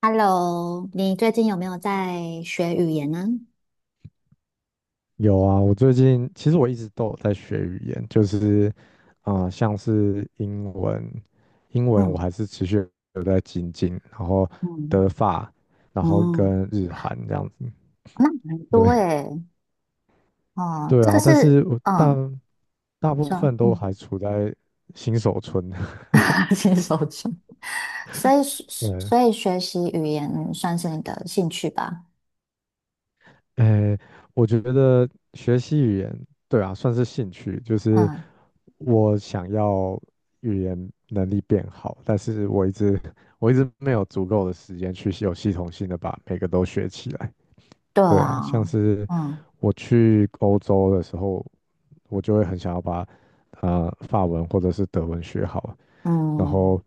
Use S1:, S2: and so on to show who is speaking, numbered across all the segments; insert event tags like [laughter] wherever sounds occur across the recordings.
S1: Hello，你最近有没有在学语言呢？
S2: 有啊，我最近其实我一直都有在学语言，就是像是英文，英文我
S1: 嗯
S2: 还是持续有在精进，然后
S1: 嗯
S2: 德法，然后
S1: 嗯，
S2: 跟日韩这样子，
S1: 那很多
S2: 对。
S1: 诶，
S2: [laughs]
S1: 哦，
S2: 对
S1: 这个
S2: 啊，但是
S1: 是
S2: 我大
S1: 嗯，
S2: 大部
S1: 说
S2: 分都
S1: 嗯，
S2: 还处在新手村。
S1: [laughs] 新手村，所以
S2: [laughs] 对。
S1: 所以学习语言算是你的兴趣吧？
S2: 哎，我觉得学习语言，对啊，算是兴趣，就是
S1: 嗯，
S2: 我想要语言能力变好，但是我一直 [laughs] 我一直没有足够的时间去有系统性的把每个都学起来。
S1: 对
S2: 对啊，像
S1: 啊，
S2: 是
S1: 嗯
S2: 我去欧洲的时候，我就会很想要把法文或者是德文学好，然
S1: 嗯
S2: 后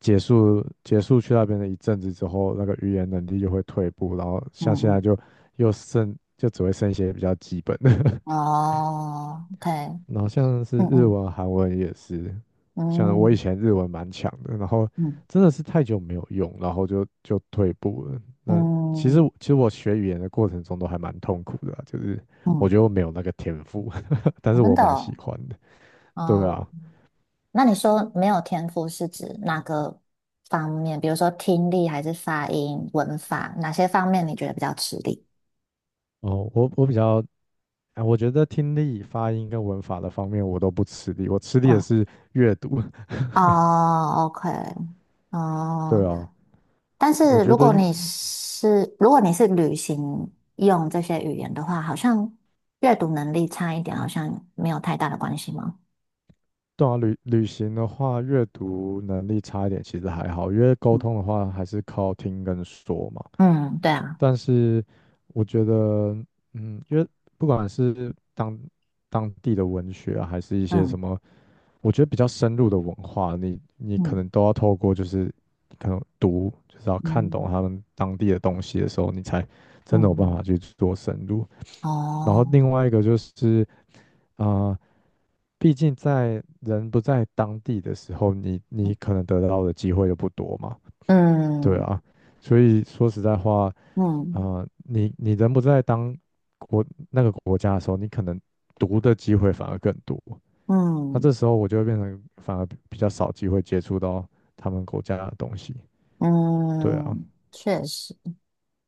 S2: 结束去那边的一阵子之后，那个语言能力就会退步，然后
S1: 嗯
S2: 像现在
S1: 嗯，
S2: 就又剩就只会剩一些比较基本的。
S1: 哦，OK，
S2: [laughs] 然后像是
S1: 嗯
S2: 日
S1: 嗯
S2: 文、韩文也是，像我以
S1: 嗯
S2: 前日文蛮强的，然后
S1: 嗯
S2: 真的是太久没有用，然后就退步了。那
S1: 嗯
S2: 其实我学语言的过程中都还蛮痛苦的啊，就是我
S1: 嗯，
S2: 觉得我没有那个天赋，[laughs] 但
S1: 我
S2: 是
S1: 们
S2: 我
S1: 的
S2: 蛮喜
S1: 哦，
S2: 欢的。对啊。
S1: 嗯那你说没有天赋是指哪个方面？比如说听力还是发音、文法，哪些方面你觉得比较吃力？
S2: 哦，我我比较哎，我觉得听力、发音跟文法的方面我都不吃力，我吃力的
S1: 嗯，
S2: 是阅读。[laughs]
S1: 哦，OK，哦，
S2: 对
S1: 对
S2: 啊，
S1: 但
S2: 我
S1: 是
S2: 觉
S1: 如
S2: 得
S1: 果
S2: 阅，
S1: 你是如果你是旅行用这些语言的话，好像阅读能力差一点，好像没有太大的关系吗？
S2: 对啊，旅行的话，阅读能力差一点其实还好，因为沟
S1: 嗯
S2: 通的话还是靠听跟说嘛。
S1: 嗯，对啊，
S2: 但是我觉得，嗯，因为不管是当地的文学啊还是一些什
S1: 嗯
S2: 么我觉得比较深入的文化，你可
S1: 嗯
S2: 能都要透过就是可能读，就是要看
S1: 嗯
S2: 懂他们当地的东西的时候，你才真
S1: 嗯
S2: 的有办
S1: 嗯，
S2: 法去做深入。
S1: 嗯
S2: 然后
S1: 哦，
S2: 另外一个就是，啊，毕竟在人不在当地的时候，你
S1: 嗯
S2: 可能得到的机会就不多嘛，对
S1: 嗯
S2: 啊。所以说实在话，
S1: 嗯。
S2: 啊，你人不在国，那个国家的时候，你可能读的机会反而更多。那
S1: 嗯
S2: 这时候我就会变成反而比较少机会接触到他们国家的东西。对啊。
S1: 嗯，确实，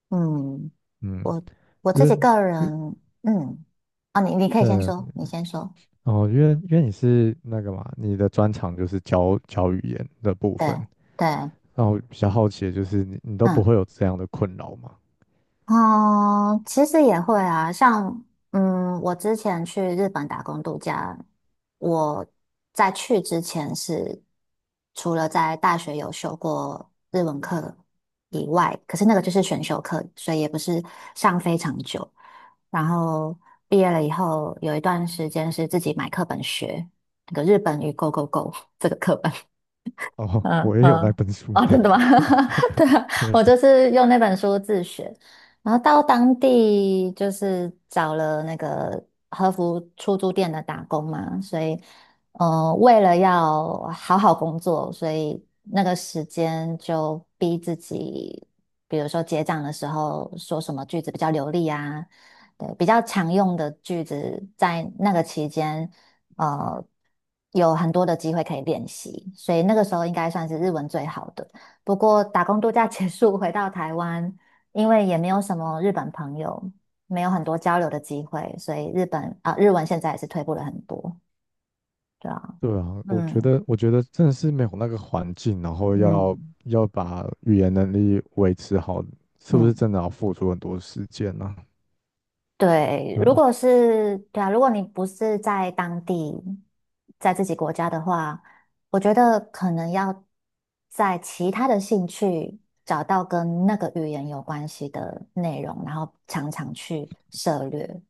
S1: 嗯，
S2: 嗯，
S1: 我我
S2: 因
S1: 自
S2: 为
S1: 己个
S2: 因为
S1: 人，嗯，啊，你可以先
S2: 呃
S1: 说，你先说，
S2: 哦，因为你是那个嘛，你的专长就是教语言的部分。
S1: 对对，
S2: 那我比较好奇的就是你都不
S1: 嗯
S2: 会有这样的困扰吗？
S1: 哦，其实也会啊，像嗯，我之前去日本打工度假，我在去之前是除了在大学有修过日文课以外，可是那个就是选修课，所以也不是上非常久。然后毕业了以后，有一段时间是自己买课本学那个日本语 Go Go Go 这个课本。
S2: [laughs] 哦，我
S1: 嗯
S2: 也有那
S1: 嗯，
S2: 本书。
S1: 哦，真的吗？[laughs] 对
S2: [laughs]
S1: 啊，
S2: 对。
S1: 我就是用那本书自学，然后到当地就是找了那个和服出租店的打工嘛，所以，为了要好好工作，所以那个时间就逼自己，比如说结账的时候说什么句子比较流利啊，对，比较常用的句子，在那个期间。呃有很多的机会可以练习，所以那个时候应该算是日文最好的。不过打工度假结束回到台湾，因为也没有什么日本朋友，没有很多交流的机会，所以日本啊、日文现在也是退步了很多。对啊，
S2: 对啊，
S1: 嗯
S2: 我觉得真的是没有那个环境，然后
S1: 嗯
S2: 要把语言能力维持好，是不是
S1: 嗯。
S2: 真的要付出很多时间呢、
S1: 对，
S2: 对，
S1: 如果是，对啊，如果你不是在当地，在自己国家的话，我觉得可能要在其他的兴趣找到跟那个语言有关系的内容，然后常常去涉略。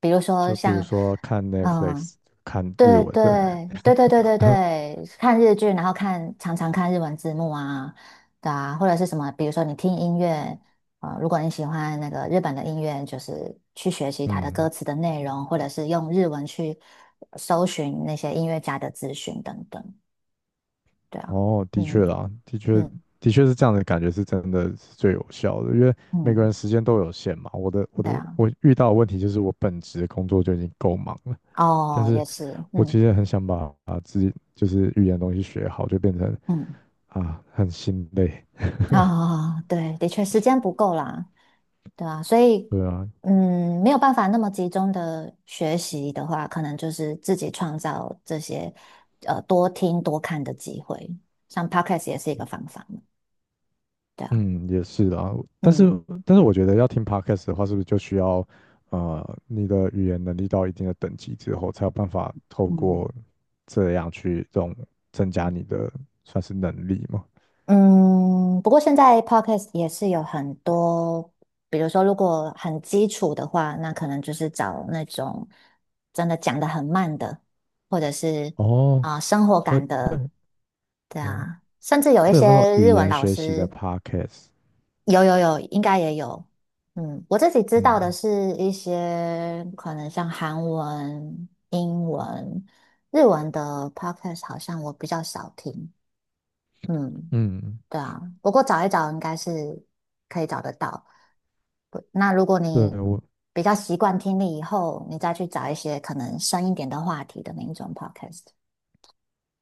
S1: 比如说
S2: 就比如
S1: 像，
S2: 说看
S1: 嗯、
S2: Netflix，看日
S1: 对
S2: 文的。
S1: 对对对对对
S2: [laughs]
S1: 对，看日剧，然后看常常看日文字幕啊，对啊，或者是什么，比如说你听音乐，如果你喜欢那个日本的音乐，就是去学习它的歌
S2: 嗯，
S1: 词的内容，或者是用日文去搜寻那些音乐家的资讯等等，对啊，
S2: 哦，的确
S1: 嗯
S2: 啦，的确，
S1: 嗯
S2: 的确是这样的感觉，是真的是最有效的，因为每个
S1: 嗯，
S2: 人时间都有限嘛。
S1: 对啊，
S2: 我遇到的问题就是我本职工作就已经够忙了，但
S1: 哦，
S2: 是
S1: 也是，
S2: 我
S1: 嗯
S2: 其实很想把自己就是语言的东西学好，就变成。
S1: 嗯，
S2: 啊，很心累。
S1: 啊、对，的确时间不够啦。对啊，所以
S2: 对啊。
S1: 嗯，没有办法那么集中的学习的话，可能就是自己创造这些多听多看的机会，像 podcast 也是一个方法嘛，对啊，
S2: 嗯，也是啊。但是，
S1: 嗯
S2: 但是我觉得要听 podcast 的话，是不是就需要，你的语言能力到一定的等级之后，才有办法透
S1: 嗯
S2: 过这样去这种增加你的算是能力嘛？
S1: 嗯，不过现在 podcast 也是有很多，比如说如果很基础的话，那可能就是找那种真的讲得很慢的，或者是
S2: 哦，
S1: 啊、生活
S2: 会
S1: 感的，
S2: 会，
S1: 对
S2: 嗯，
S1: 啊，甚至有一
S2: 会
S1: 些
S2: 有那种
S1: 日
S2: 语
S1: 文
S2: 言
S1: 老
S2: 学习的
S1: 师。
S2: podcast。
S1: 有有有，应该也有。嗯，我自己知道的
S2: 嗯
S1: 是一些可能像韩文、英文、日文的 podcast，好像我比较少听。嗯，
S2: 嗯，
S1: 对啊，不过找一找应该是可以找得到。不那如果
S2: 对
S1: 你
S2: 我。
S1: 比较习惯听力以后，你再去找一些可能深一点的话题的那一种 podcast。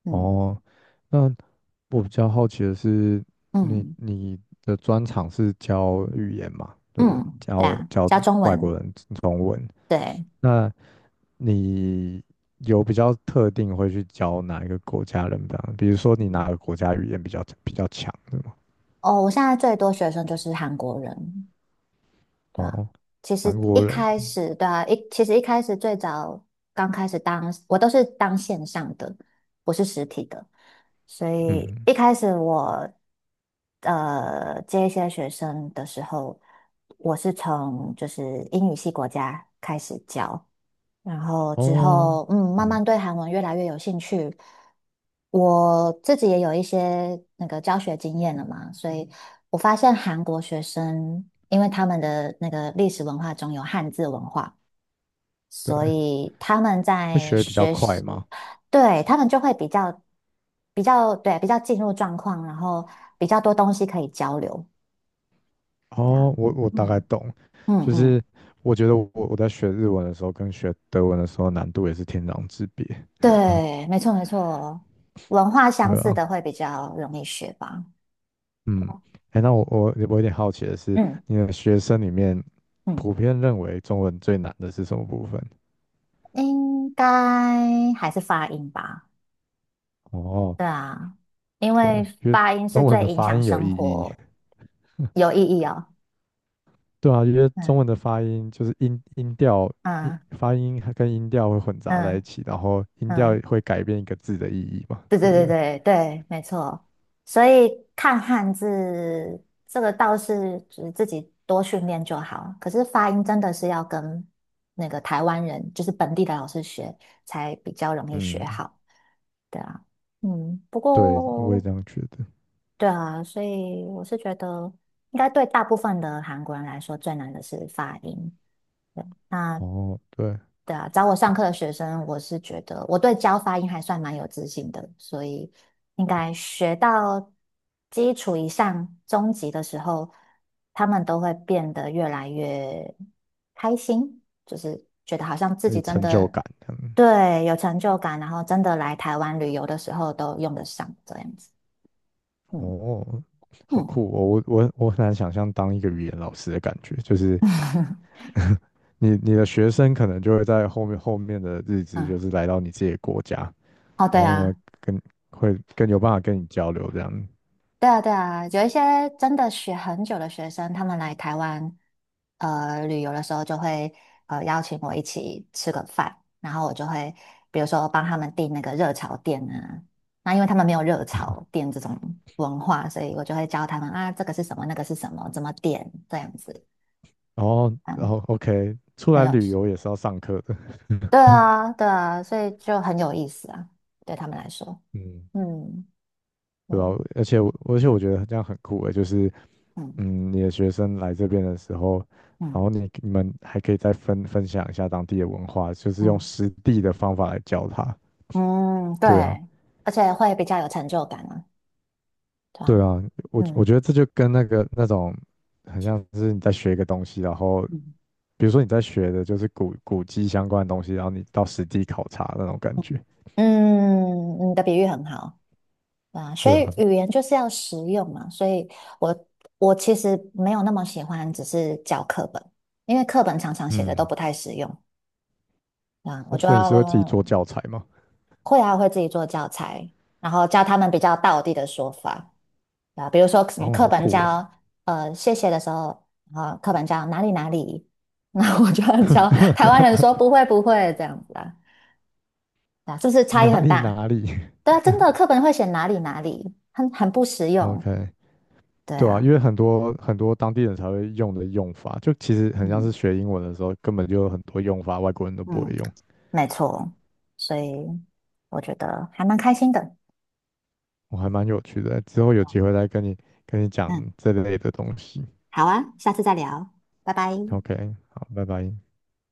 S1: 嗯
S2: 哦，那我比较好奇的是，你
S1: 嗯
S2: 你的专长是教语言嘛，对不对？
S1: 嗯，对
S2: 教
S1: 啊，
S2: 教
S1: 加中
S2: 外
S1: 文，
S2: 国人中文，
S1: 对。
S2: 那你有比较特定会去教哪一个国家人的啊？比如说你
S1: 嗯，
S2: 哪个国家语言比较强的吗？
S1: 哦，我现在最多学生就是韩国人，对啊，
S2: 哦，
S1: 其实
S2: 韩
S1: 一
S2: 国人。
S1: 开始，对啊，其实一开始最早刚开始当，我都是当线上的，不是实体的，所以
S2: 嗯，
S1: 一开始我接一些学生的时候，我是从就是英语系国家开始教，然后之
S2: 哦，
S1: 后，嗯，慢
S2: 嗯。
S1: 慢对韩文越来越有兴趣。我自己也有一些那个教学经验了嘛，所以我发现韩国学生，因为他们的那个历史文化中有汉字文化，
S2: 对，
S1: 所以他们
S2: 会
S1: 在
S2: 学得比较
S1: 学
S2: 快
S1: 习，
S2: 吗？
S1: 对，他们就会比较比较进入状况，然后比较多东西可以交流，这样，
S2: 哦，我大概
S1: 嗯
S2: 懂，
S1: 嗯
S2: 就
S1: 嗯，
S2: 是我觉得我在学日文的时候跟学德文的时候难度也是天壤之别，
S1: 对，没错没错，文化相
S2: 对
S1: 似
S2: 啊。
S1: 的会比较容易学吧。
S2: 嗯，哎，那我有点好奇的是，
S1: 嗯
S2: 你的学生里面
S1: 嗯，嗯
S2: 普遍认为中文最难的是什么部分？
S1: 应该还是发音吧？
S2: 哦，
S1: 对啊，因为
S2: 对，因为
S1: 发音是
S2: 中文
S1: 最
S2: 的
S1: 影
S2: 发
S1: 响
S2: 音有意
S1: 生
S2: 义。
S1: 活有意义哦。
S2: 对啊，因为中文的
S1: 嗯
S2: 发音就是音调
S1: 嗯
S2: 发音还跟音调会混杂在一
S1: 嗯
S2: 起，然后音调
S1: 嗯，
S2: 会改变一个字的意义嘛，
S1: 对
S2: 对
S1: 对
S2: 不
S1: 对
S2: 对？
S1: 对对，没错。所以看汉字这个倒是就是自己多训练就好，可是发音真的是要跟那个台湾人，就是本地的老师学，才比较容易学
S2: 嗯，
S1: 好。对啊，嗯，不
S2: 对，我也
S1: 过。
S2: 这样觉得。
S1: 对啊，所以我是觉得，应该对大部分的韩国人来说，最难的是发音。对，那
S2: 哦，对，
S1: 对啊，找我上课的学生，我是觉得我对教发音还算蛮有自信的，所以应该学到基础以上、中级的时候，他们都会变得越来越开心，就是觉得好像自
S2: 有
S1: 己真
S2: 成就
S1: 的
S2: 感。嗯，
S1: 对有成就感，然后真的来台湾旅游的时候都用得上这样子。嗯
S2: 哦，好
S1: 嗯。
S2: 酷哦！我很难想象当一个语言老师的感觉，就是你的学生可能就会在后面的日子，就
S1: [laughs]
S2: 是来到你自己的国家，
S1: 哦，
S2: 然
S1: 对
S2: 后
S1: 啊，
S2: 呢，跟会更有办法跟你交流这样。
S1: 对啊，对啊，有一些真的学很久的学生，他们来台湾旅游的时候，就会邀请我一起吃个饭，然后我就会比如说帮他们订那个热炒店啊，那因为他们没有热炒店这种文化，所以我就会教他们啊，这个是什么，那个是什么，怎么点这样子，
S2: 然后然
S1: 嗯，
S2: 后 OK，出
S1: 很
S2: 来
S1: 有
S2: 旅
S1: 趣。
S2: 游也是要上课的。[laughs]
S1: 对啊，对啊，所以就很有意思啊，对他们来说，
S2: 嗯，
S1: 嗯，对，
S2: 对吧？而且我觉得这样很酷诶，就是
S1: 嗯
S2: 嗯，你的学生来这边的时候，然
S1: 嗯
S2: 后你你们还可以再分享一下当地的文化，就是用
S1: 嗯。
S2: 实地的方法来教他。
S1: 嗯，对，
S2: 对啊，
S1: 而且会比较有成就感啊，对
S2: 对
S1: 吧？
S2: 啊，我
S1: 嗯
S2: 觉得这就跟那个那种很像是你在学一个东西，然后
S1: 嗯，
S2: 比如说你在学的就是古迹相关的东西，然后你到实地考察那种感觉。
S1: 嗯，你的比喻很好，对啊，所
S2: 对
S1: 以
S2: 啊。
S1: 语言就是要实用嘛，所以我我其实没有那么喜欢只是教课本，因为课本常常写的都
S2: 嗯，
S1: 不太实用，对啊，
S2: 哦，
S1: 我就
S2: 所以你是会自己做
S1: 要
S2: 教材吗？
S1: 会啊会自己做教材，然后教他们比较道地的说法。啊，比如说什么
S2: 哦，
S1: 课
S2: 好
S1: 本
S2: 酷哦，
S1: 教谢谢的时候，啊，课本教哪里哪里，[laughs] 那我就要教台湾人说不会不会这样子啊，啊，是不是
S2: [laughs]
S1: 差异
S2: 哪
S1: 很
S2: 里
S1: 大？
S2: 哪里
S1: 对啊，真的课本会写哪里哪里，很不实
S2: [laughs]
S1: 用。
S2: ？OK，
S1: 对
S2: 对啊，因
S1: 啊，
S2: 为很多当地人才会用的用法，就其实很像
S1: 嗯
S2: 是学英文的时候，根本就有很多用法，外国人都不会
S1: 嗯，
S2: 用，
S1: 没错，所以我觉得还蛮开心的。
S2: 我还蛮有趣的。之后有机会再跟你讲
S1: 嗯，
S2: 这类的东西。
S1: 好啊，下次再聊，拜拜。
S2: OK，好，拜拜。